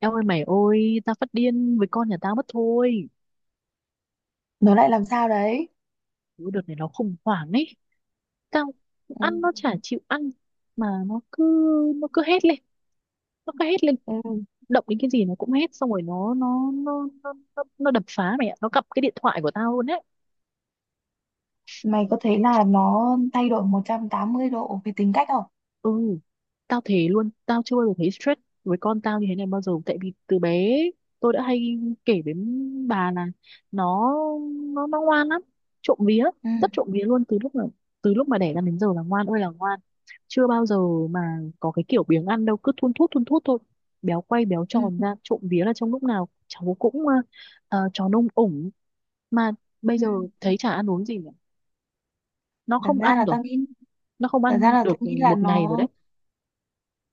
Eo ơi mày ơi, tao phát điên với con nhà tao mất thôi. Nó lại làm sao đấy? Ủa, đợt này nó khủng hoảng ấy. Tao Ừ. ăn nó chả chịu ăn. Mà nó cứ hét lên. Nó cứ hét lên. Ừ. Động đến cái gì nó cũng hét. Xong rồi nó đập phá mày ạ. Nó cặp cái điện thoại của tao luôn á. Mày có thấy là nó thay đổi 180 độ về tính cách không? Ừ, tao thế luôn, tao chưa bao giờ thấy stress với con tao như thế này bao giờ. Tại vì từ bé tôi đã hay kể với bà là nó nó ngoan lắm, trộm vía, Ừ. rất trộm vía luôn. Từ lúc mà đẻ ra đến giờ là ngoan ơi là ngoan, chưa bao giờ mà có cái kiểu biếng ăn đâu, cứ thun thút thôi, béo quay béo Ừ. tròn ra, trộm vía là trong lúc nào cháu cũng tròn ông ủng. Mà bây Ừ. giờ thấy chả ăn uống gì nữa, nó Thật không ra ăn là rồi, tao nghĩ, nó không thật ra ăn là tôi được nghĩ là một ngày rồi nó, đấy.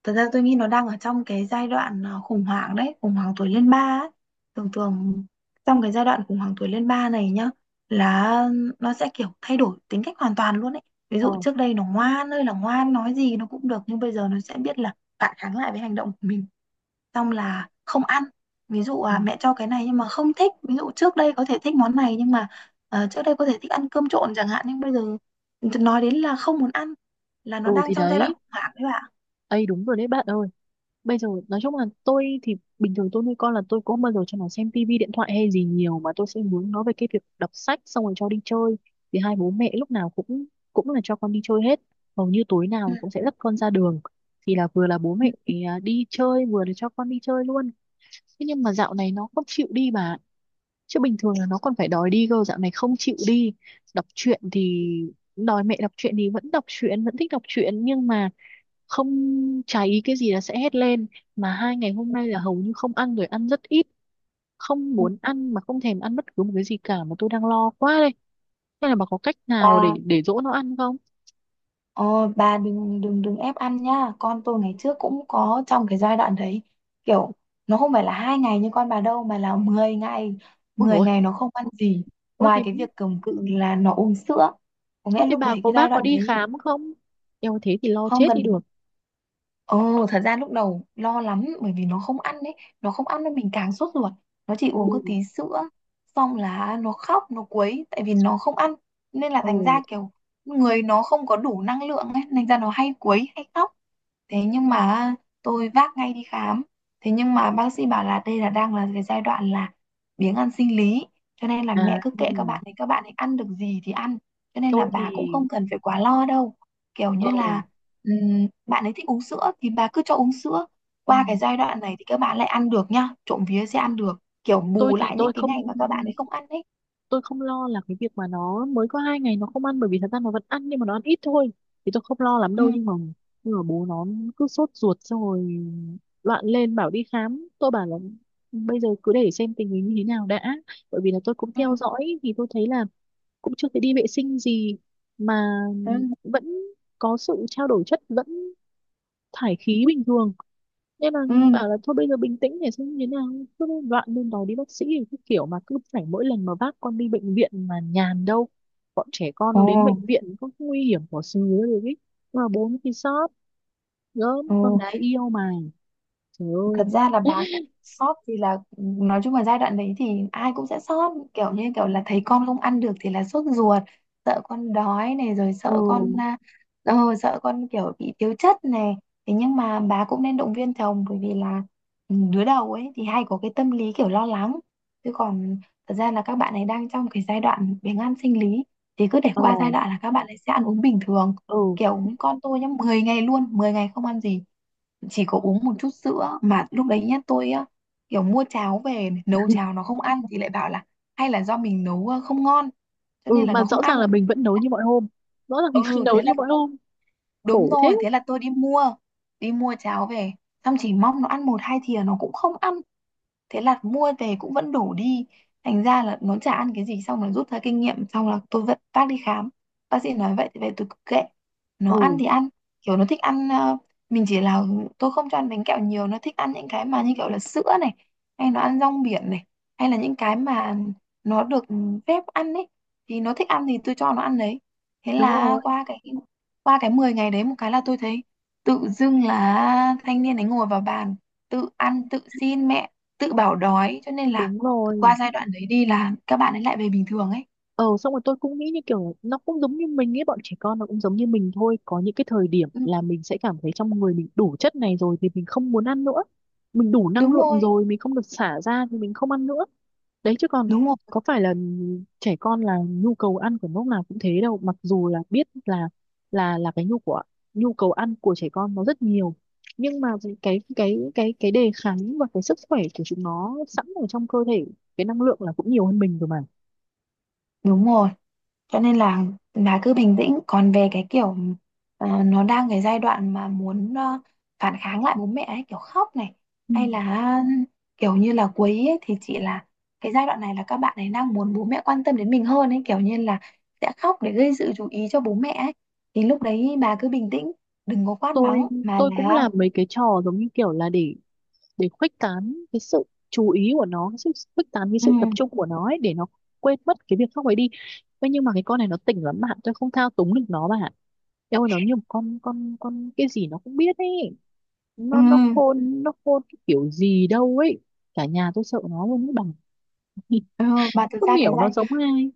thật ra tôi nghĩ nó đang ở trong cái giai đoạn khủng hoảng đấy, khủng hoảng tuổi lên ba ấy. Thường thường trong cái giai đoạn khủng hoảng tuổi lên ba này nhá, là nó sẽ kiểu thay đổi tính cách hoàn toàn luôn ấy. Ví Ờ dụ trước đây nó ngoan ơi là ngoan, nói gì nó cũng được, nhưng bây giờ nó sẽ biết là phản kháng lại với hành động của mình, xong là không ăn. Ví dụ ừ. Mẹ cho cái này nhưng mà không thích, ví dụ trước đây có thể thích món này nhưng mà trước đây có thể thích ăn cơm trộn chẳng hạn, nhưng bây giờ nói đến là không muốn ăn, là nó Ừ đang thì trong giai đoạn đấy, khủng hoảng đấy bạn. ấy đúng rồi đấy bạn ơi. Bây giờ nói chung là tôi thì bình thường tôi nuôi con là tôi cũng không bao giờ cho nó xem tivi điện thoại hay gì nhiều, mà tôi sẽ hướng nó về cái việc đọc sách, xong rồi cho đi chơi. Thì hai bố mẹ lúc nào cũng cũng là cho con đi chơi hết. Hầu như tối Ừ. nào cũng sẽ dắt con ra đường. Thì là vừa là bố Ừ, mẹ đi chơi, vừa là cho con đi chơi luôn. Thế nhưng mà dạo này nó không chịu đi bà. Chứ bình thường là nó còn phải đòi đi cơ, dạo này không chịu đi. Đọc truyện thì đòi mẹ đọc truyện thì vẫn đọc truyện, vẫn thích đọc truyện, nhưng mà không, cháy cái gì là sẽ hét lên. Mà hai ngày hôm nay là hầu như không ăn rồi, ăn rất ít, không ừ. muốn ăn, mà không thèm ăn bất cứ một cái gì cả, mà tôi đang lo quá đây. Hay là bà có cách nào Bà, để dỗ nó ăn không? ờ, bà đừng đừng đừng ép ăn nha. Con tôi ngày trước cũng có trong cái giai đoạn đấy. Kiểu nó không phải là 2 ngày như con bà đâu mà là 10 ngày. Ôi Mười rồi, ngày nó không ăn gì. ôi Ngoài thế, cái việc cầm cự là nó uống sữa. Có ôi nghĩa thế lúc bà đấy có, cái giai bác có đoạn đi đấy khám không? Eo thế thì lo không chết đi cần. được. Ồ, thật ra lúc đầu lo lắm, bởi vì nó không ăn đấy, nó không ăn nên mình càng sốt ruột. Nó chỉ Ừ, uống có tí sữa, xong là nó khóc, nó quấy tại vì nó không ăn. Nên là thành ừ, ra kiểu người nó không có đủ năng lượng ấy, thành ra nó hay quấy hay khóc. Thế nhưng mà tôi vác ngay đi khám, thế nhưng mà bác sĩ bảo là đây là đang là cái giai đoạn là biếng ăn sinh lý, cho nên là à mẹ cứ ừ. kệ các bạn, thì các bạn ấy ăn được gì thì ăn, cho nên là tôi bà cũng thì không cần phải quá lo đâu. Kiểu ừ. như là bạn ấy thích uống sữa thì bà cứ cho uống sữa, ừ. qua cái giai đoạn này thì các bạn lại ăn được nhá, trộm vía sẽ ăn được, kiểu Tôi bù thì lại những tôi cái ngày không mà các bạn ấy không ăn ấy. tôi không lo là cái việc mà nó mới có hai ngày nó không ăn, bởi vì thật ra nó vẫn ăn nhưng mà nó ăn ít thôi, thì tôi không lo lắm Ừ. đâu. Nhưng mà nhưng mà bố nó cứ sốt ruột, xong rồi loạn lên bảo đi khám. Tôi bảo là bây giờ cứ để xem tình hình như thế nào đã, bởi vì là tôi cũng Ừ. theo dõi thì tôi thấy là cũng chưa thấy đi vệ sinh gì, mà Ừ. vẫn có sự trao đổi chất, vẫn thải khí bình thường. Nên là Ừ. bảo là thôi bây giờ bình tĩnh để xem như thế nào, cứ đoạn lên đó đi bác sĩ thì cứ kiểu, mà cứ phải mỗi lần mà vác con đi bệnh viện mà nhàn đâu, bọn trẻ con Ồ. nó đến bệnh viện có nguy hiểm của sứ rồi ấy. Mà bốn thì sót, gớm Ồ. con gái yêu mà, trời Thật ơi. ra là bà, sót thì là nói chung là giai đoạn đấy thì ai cũng sẽ sót, kiểu như kiểu là thấy con không ăn được thì là sốt ruột, sợ con đói này, rồi sợ con Ừ, ờ, sợ con kiểu bị thiếu chất này. Thế nhưng mà bà cũng nên động viên chồng, bởi vì là đứa đầu ấy thì hay có cái tâm lý kiểu lo lắng, chứ còn thật ra là các bạn ấy đang trong cái giai đoạn biếng ăn sinh lý, thì cứ để ờ, qua giai đoạn là các bạn ấy sẽ ăn uống bình thường. ừ, Kiểu con tôi nhá, 10 ngày luôn, 10 ngày không ăn gì, chỉ có uống một chút sữa. Mà lúc đấy nhá, tôi á, kiểu mua cháo về này, nấu cháo nó không ăn thì lại bảo là hay là do mình nấu không ngon, cho ừ nên là mà nó không rõ ràng ăn. là mình vẫn Thế nấu là- như mọi hôm, rõ ràng mình vẫn ừ nấu thế là, như mọi hôm. đúng Khổ thế. rồi, thế là tôi đi mua, đi mua cháo về, xong chỉ mong nó ăn một hai thìa nó cũng không ăn. Thế là mua về cũng vẫn đủ đi, thành ra là nó chả ăn cái gì. Xong là rút ra kinh nghiệm, xong là tôi vẫn bác đi khám, bác sĩ nói vậy thì về tôi cứ kệ, nó Ừ, ăn thì ăn. Kiểu nó thích ăn mình chỉ là, tôi không cho ăn bánh kẹo nhiều, nó thích ăn những cái mà như kiểu là sữa này, hay nó ăn rong biển này, hay là những cái mà nó được phép ăn ấy, thì nó thích ăn thì tôi cho nó ăn đấy. Thế đúng là rồi, qua cái Qua cái 10 ngày đấy một cái là tôi thấy tự dưng là thanh niên ấy ngồi vào bàn, tự ăn, tự xin mẹ, tự bảo đói, cho nên là đúng rồi. qua giai đoạn đấy đi là các bạn ấy lại về bình thường ấy. Ờ xong rồi tôi cũng nghĩ như kiểu nó cũng giống như mình ấy, bọn trẻ con nó cũng giống như mình thôi, có những cái thời điểm Ừ, là mình sẽ cảm thấy trong người mình đủ chất này rồi thì mình không muốn ăn nữa, mình đủ năng đúng lượng rồi. rồi, mình không được xả ra thì mình không ăn nữa. Đấy chứ còn Đúng rồi. có phải là trẻ con là nhu cầu ăn của lúc nào cũng thế đâu, mặc dù là biết là là cái nhu của, nhu cầu ăn của trẻ con nó rất nhiều. Nhưng mà cái đề kháng và cái sức khỏe của chúng nó sẵn ở trong cơ thể, cái năng lượng là cũng nhiều hơn mình rồi mà. Đúng rồi. Cho nên là bà cứ bình tĩnh. Còn về cái kiểu nó đang cái giai đoạn mà muốn phản kháng lại bố mẹ ấy, kiểu khóc này, hay là kiểu như là quấy ấy, thì chị là cái giai đoạn này là các bạn ấy đang muốn bố mẹ quan tâm đến mình hơn ấy, kiểu như là sẽ khóc để gây sự chú ý cho bố mẹ ấy. Thì lúc đấy bà cứ bình tĩnh, đừng có quát mắng tôi mà tôi cũng là, làm mấy cái trò giống như kiểu là để khuếch tán cái sự chú ý của nó, cái sự khuếch tán cái ừ, sự tập trung của nó ấy, để nó quên mất cái việc khác ấy đi. Thế nhưng mà cái con này nó tỉnh lắm bạn, tôi không thao túng được nó bạn. Eo ơi, nó như một con, con cái gì nó cũng biết ấy. ừ. Nó khôn, nó khôn cái kiểu gì đâu ấy, cả nhà tôi sợ nó luôn ấy bằng Ờ, mà thực không ra cái hiểu giai, nó giống ai.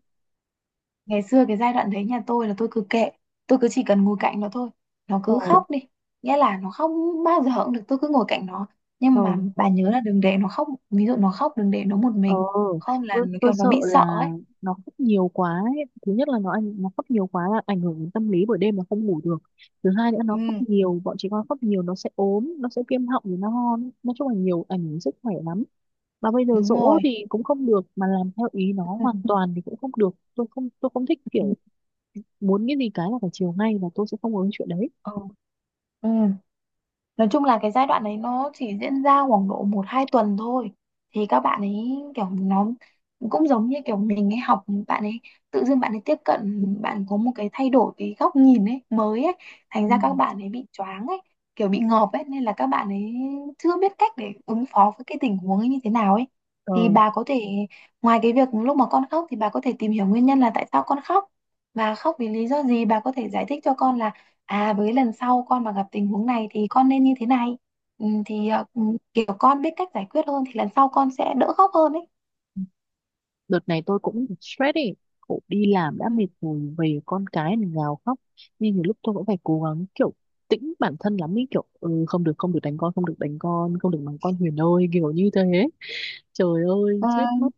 ngày xưa cái giai đoạn đấy nhà tôi là tôi cứ kệ, tôi cứ chỉ cần ngồi cạnh nó thôi, nó Ờ, cứ khóc đi, nghĩa là nó không bao giờ cũng được, tôi cứ ngồi cạnh nó. ờ, Nhưng mà bà nhớ là đừng để nó khóc, ví dụ nó khóc đừng để nó một ờ, mình, không là tôi, nó tôi kiểu nó sợ bị sợ là ấy. nó khóc nhiều quá ấy. Thứ nhất là nó khóc nhiều quá là ảnh hưởng đến tâm lý, buổi đêm là không ngủ được. Thứ hai nữa nó khóc Ừ, nhiều, bọn trẻ con khóc nhiều nó sẽ ốm, nó sẽ viêm họng rồi nó hon. Nói chung là nhiều ảnh hưởng sức khỏe lắm. Mà bây giờ đúng dỗ rồi. thì cũng không được, mà làm theo ý nó Ừ. hoàn toàn thì cũng không được. Tôi không thích Ừ. kiểu muốn cái gì cái là phải chiều ngay, và tôi sẽ không có cái chuyện đấy. Ừ. Ừ. Nói chung là cái giai đoạn đấy nó chỉ diễn ra khoảng độ 1 2 tuần thôi, thì các bạn ấy kiểu nó cũng giống như kiểu mình ấy, học bạn ấy, tự dưng bạn ấy tiếp cận, bạn có một cái thay đổi cái góc nhìn ấy mới ấy, thành ra các bạn ấy bị choáng ấy, kiểu bị ngợp ấy, nên là các bạn ấy chưa biết cách để ứng phó với cái tình huống ấy như thế nào ấy. Thì Ừ, bà có thể, ngoài cái việc lúc mà con khóc thì bà có thể tìm hiểu nguyên nhân là tại sao con khóc và khóc vì lý do gì, bà có thể giải thích cho con là với lần sau con mà gặp tình huống này thì con nên như thế này. ừ, thì ờ, ừ, Kiểu con biết cách giải quyết hơn thì lần sau con sẽ đỡ khóc hơn đấy. đợt này tôi cũng stress ý, cậu đi làm đã Ừ. mệt rồi về con cái thì gào khóc, nhưng nhiều lúc tôi cũng phải cố gắng kiểu tĩnh bản thân lắm ý, kiểu không được, không được đánh con, không được đánh con, không được mắng con Huyền ơi, kiểu như thế. Trời ơi Ờ, chết mất.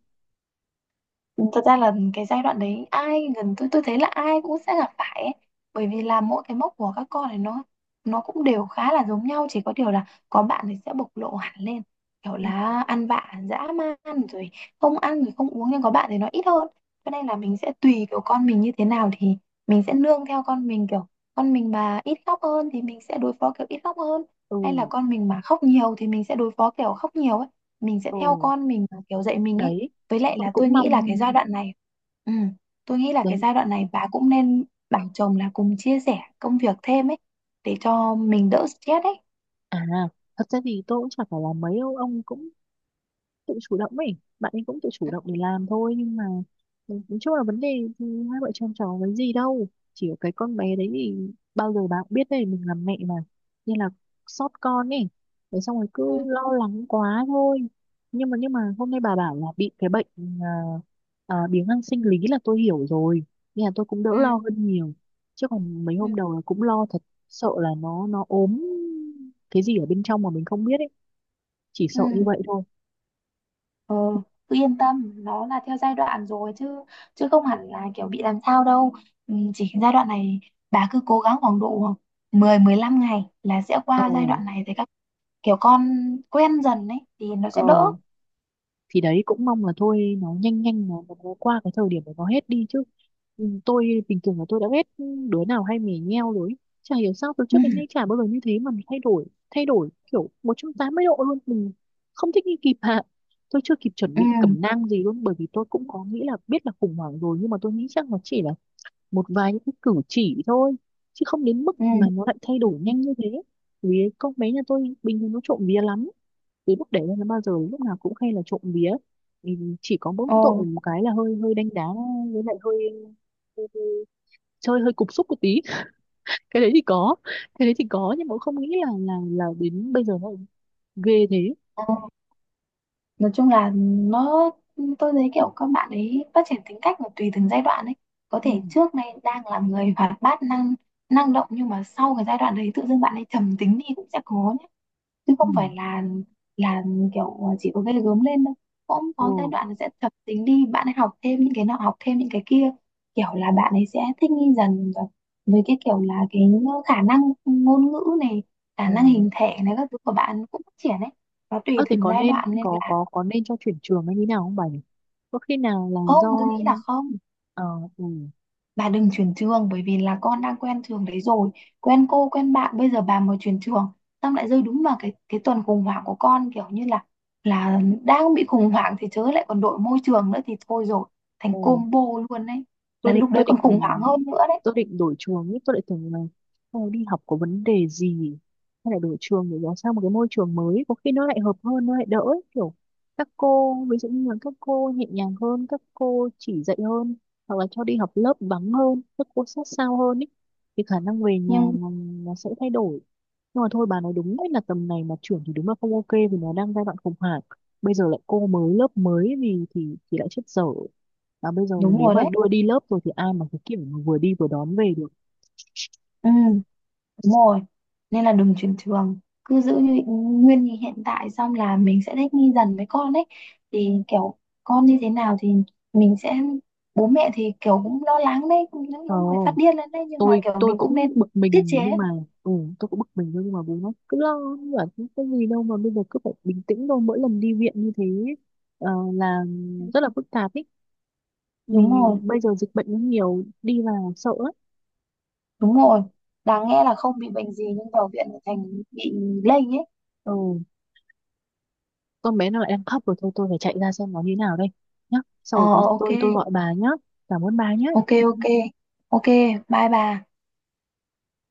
thật ra là cái giai đoạn đấy ai gần tôi thấy là ai cũng sẽ gặp phải ấy. Bởi vì là mỗi cái mốc của các con này nó cũng đều khá là giống nhau, chỉ có điều là có bạn thì sẽ bộc lộ hẳn lên, kiểu là ăn vạ dã man rồi, không ăn rồi không uống, nhưng có bạn thì nó ít hơn. Cho nên là mình sẽ tùy kiểu con mình như thế nào thì mình sẽ nương theo con mình, kiểu con mình mà ít khóc hơn thì mình sẽ đối phó kiểu ít khóc hơn, Ừ, hay là con mình mà khóc nhiều thì mình sẽ đối phó kiểu khóc nhiều ấy, mình sẽ theo ừ, con mình mà kiểu dạy mình ấy. đấy Với lại tôi là tôi cũng nghĩ là cái mong, giai đoạn này, ừ, tôi nghĩ là cái đấy. giai đoạn này bà cũng nên bảo chồng là cùng chia sẻ công việc thêm ấy, để cho mình đỡ stress ấy. À thật ra thì tôi cũng chả phải là mấy đâu, ông cũng tự chủ động ấy, bạn ấy cũng tự chủ Ừ, động để làm thôi. Nhưng mà nói chung là vấn đề thì hai vợ chồng cháu với gì đâu, chỉ có cái con bé đấy thì bao giờ bạn biết đấy mình làm mẹ mà, nên là xót con ấy, thế xong rồi cứ lo lắng quá thôi. Nhưng mà hôm nay bà bảo là bị cái bệnh à, biếng ăn sinh lý, là tôi hiểu rồi, nên là tôi cũng đỡ ừ, lo hơn nhiều. Chứ còn mấy ừ, hôm đầu là cũng lo thật, sợ là nó ốm cái gì ở bên trong mà mình không biết ấy, chỉ ừ. sợ như vậy thôi. Ừ, cứ yên tâm, nó là theo giai đoạn rồi chứ, chứ không hẳn là kiểu bị làm sao đâu. Ừ, chỉ giai đoạn này bà cứ cố gắng khoảng độ 10 15 ngày là sẽ Ờ, qua giai đoạn này, thì các, kiểu con quen dần ấy thì nó ờ, sẽ đỡ. thì đấy cũng mong là thôi nó nhanh nhanh nó qua cái thời điểm của nó hết đi chứ. Ừ, tôi bình thường là tôi đã ghét đứa nào hay mè nheo rồi ấy. Chả hiểu sao từ trước đến nay Ừ. chả bao giờ như thế mà mình thay đổi kiểu 180 độ luôn. Mình không thích nghi kịp hạ. Tôi chưa kịp chuẩn Ừ. bị cẩm nang gì luôn, bởi vì tôi cũng có nghĩ là, biết là khủng hoảng rồi, nhưng mà tôi nghĩ chắc nó chỉ là một vài những cái cử chỉ thôi, chứ không đến mức Ừ. mà nó lại thay đổi nhanh như thế. Vì con bé nhà tôi bình thường nó trộm vía lắm, từ lúc đẻ ra nó bao giờ lúc nào cũng hay là trộm vía, thì chỉ có mỗi tội Ồ. một cái là hơi hơi đánh đá, với lại hơi chơi hơi cục xúc một tí cái đấy thì có, cái đấy thì có, nhưng mà cũng không nghĩ là là đến bây giờ nó ghê thế. Nói chung là nó, tôi thấy kiểu các bạn ấy phát triển tính cách là tùy từng giai đoạn ấy. Có Ừ, thể trước nay đang là người hoạt bát, năng năng động nhưng mà sau cái giai đoạn đấy tự dưng bạn ấy trầm tính đi cũng sẽ có nhé, chứ ừ, không phải là là kiểu chỉ có gây gớm lên đâu. Cũng ừ, có giai đoạn là sẽ trầm tính đi, bạn ấy học thêm những cái nọ, học thêm những cái kia, kiểu là bạn ấy sẽ thích nghi dần. Và với cái kiểu là cái khả năng ngôn ngữ này, khả ừ. năng hình thể này, các thứ của bạn cũng phát triển ấy, nó tùy Ơ, thế từng có giai nên đoạn nên có là, có có nên cho chuyển trường hay như nào không bà nhỉ? Có khi nào là Không, tôi do, nghĩ là không. ờ, ừ. Bà đừng chuyển trường, bởi vì là con đang quen trường đấy rồi, quen cô, quen bạn. Bây giờ bà mà chuyển trường, xong lại rơi đúng vào cái tuần khủng hoảng của con, kiểu như là đang bị khủng hoảng thì chớ lại còn đổi môi trường nữa thì thôi rồi, Ừ, thành combo luôn đấy. tôi Là định lúc đấy tôi còn định khủng hoảng hơn nữa đấy. tôi định đổi trường ý, tôi lại tưởng là "Ờ, đi học có vấn đề gì hay là đổi trường để nó sang một cái môi trường mới, có khi nó lại hợp hơn, nó lại đỡ ấy. Kiểu các cô, ví dụ như là các cô nhẹ nhàng hơn, các cô chỉ dạy hơn, hoặc là cho đi học lớp vắng hơn, các cô sát sao hơn ý, thì khả năng về nhà Nhưng nó sẽ thay đổi. Nhưng mà thôi, bà nói đúng đấy, là tầm này mà chuyển thì đúng là không ok vì nó đang giai đoạn khủng hoảng, bây giờ lại cô mới lớp mới thì thì lại chết dở. Và bây giờ đúng nếu rồi mà đấy. đưa đi lớp rồi thì ai mà cái kiểu mà vừa đi vừa đón về được. Ừ, đúng rồi. Nên là đừng chuyển trường. Cứ giữ như nguyên như hiện tại, xong là mình sẽ thích nghi dần với con ấy. Thì kiểu con như thế nào thì mình sẽ, bố mẹ thì kiểu cũng lo lắng đấy, cũng những Ờ, lúc người phát điên lên đấy, nhưng mà tôi kiểu tôi mình cũng nên cũng bực tiết chế. mình nhưng mà ừ, tôi cũng bực mình thôi, nhưng mà bố nó cứ lo, nó bảo "Không có gì đâu mà bây giờ cứ phải bình tĩnh thôi, mỗi lần đi viện như thế là rất là phức tạp ý, Đúng vì rồi, bây giờ dịch bệnh nó nhiều, đi vào sợ lắm. đúng rồi. Đáng nghe là không bị bệnh gì nhưng vào viện lại thành bị lây ấy. Ừ, con bé nó lại đang khóc rồi, thôi tôi phải chạy ra xem nó như thế nào đây nhá. Sau Ờ, rồi có gì ok, tôi gọi bà nhá, cảm ơn bà nhá. ok ok. Ok, bye bà.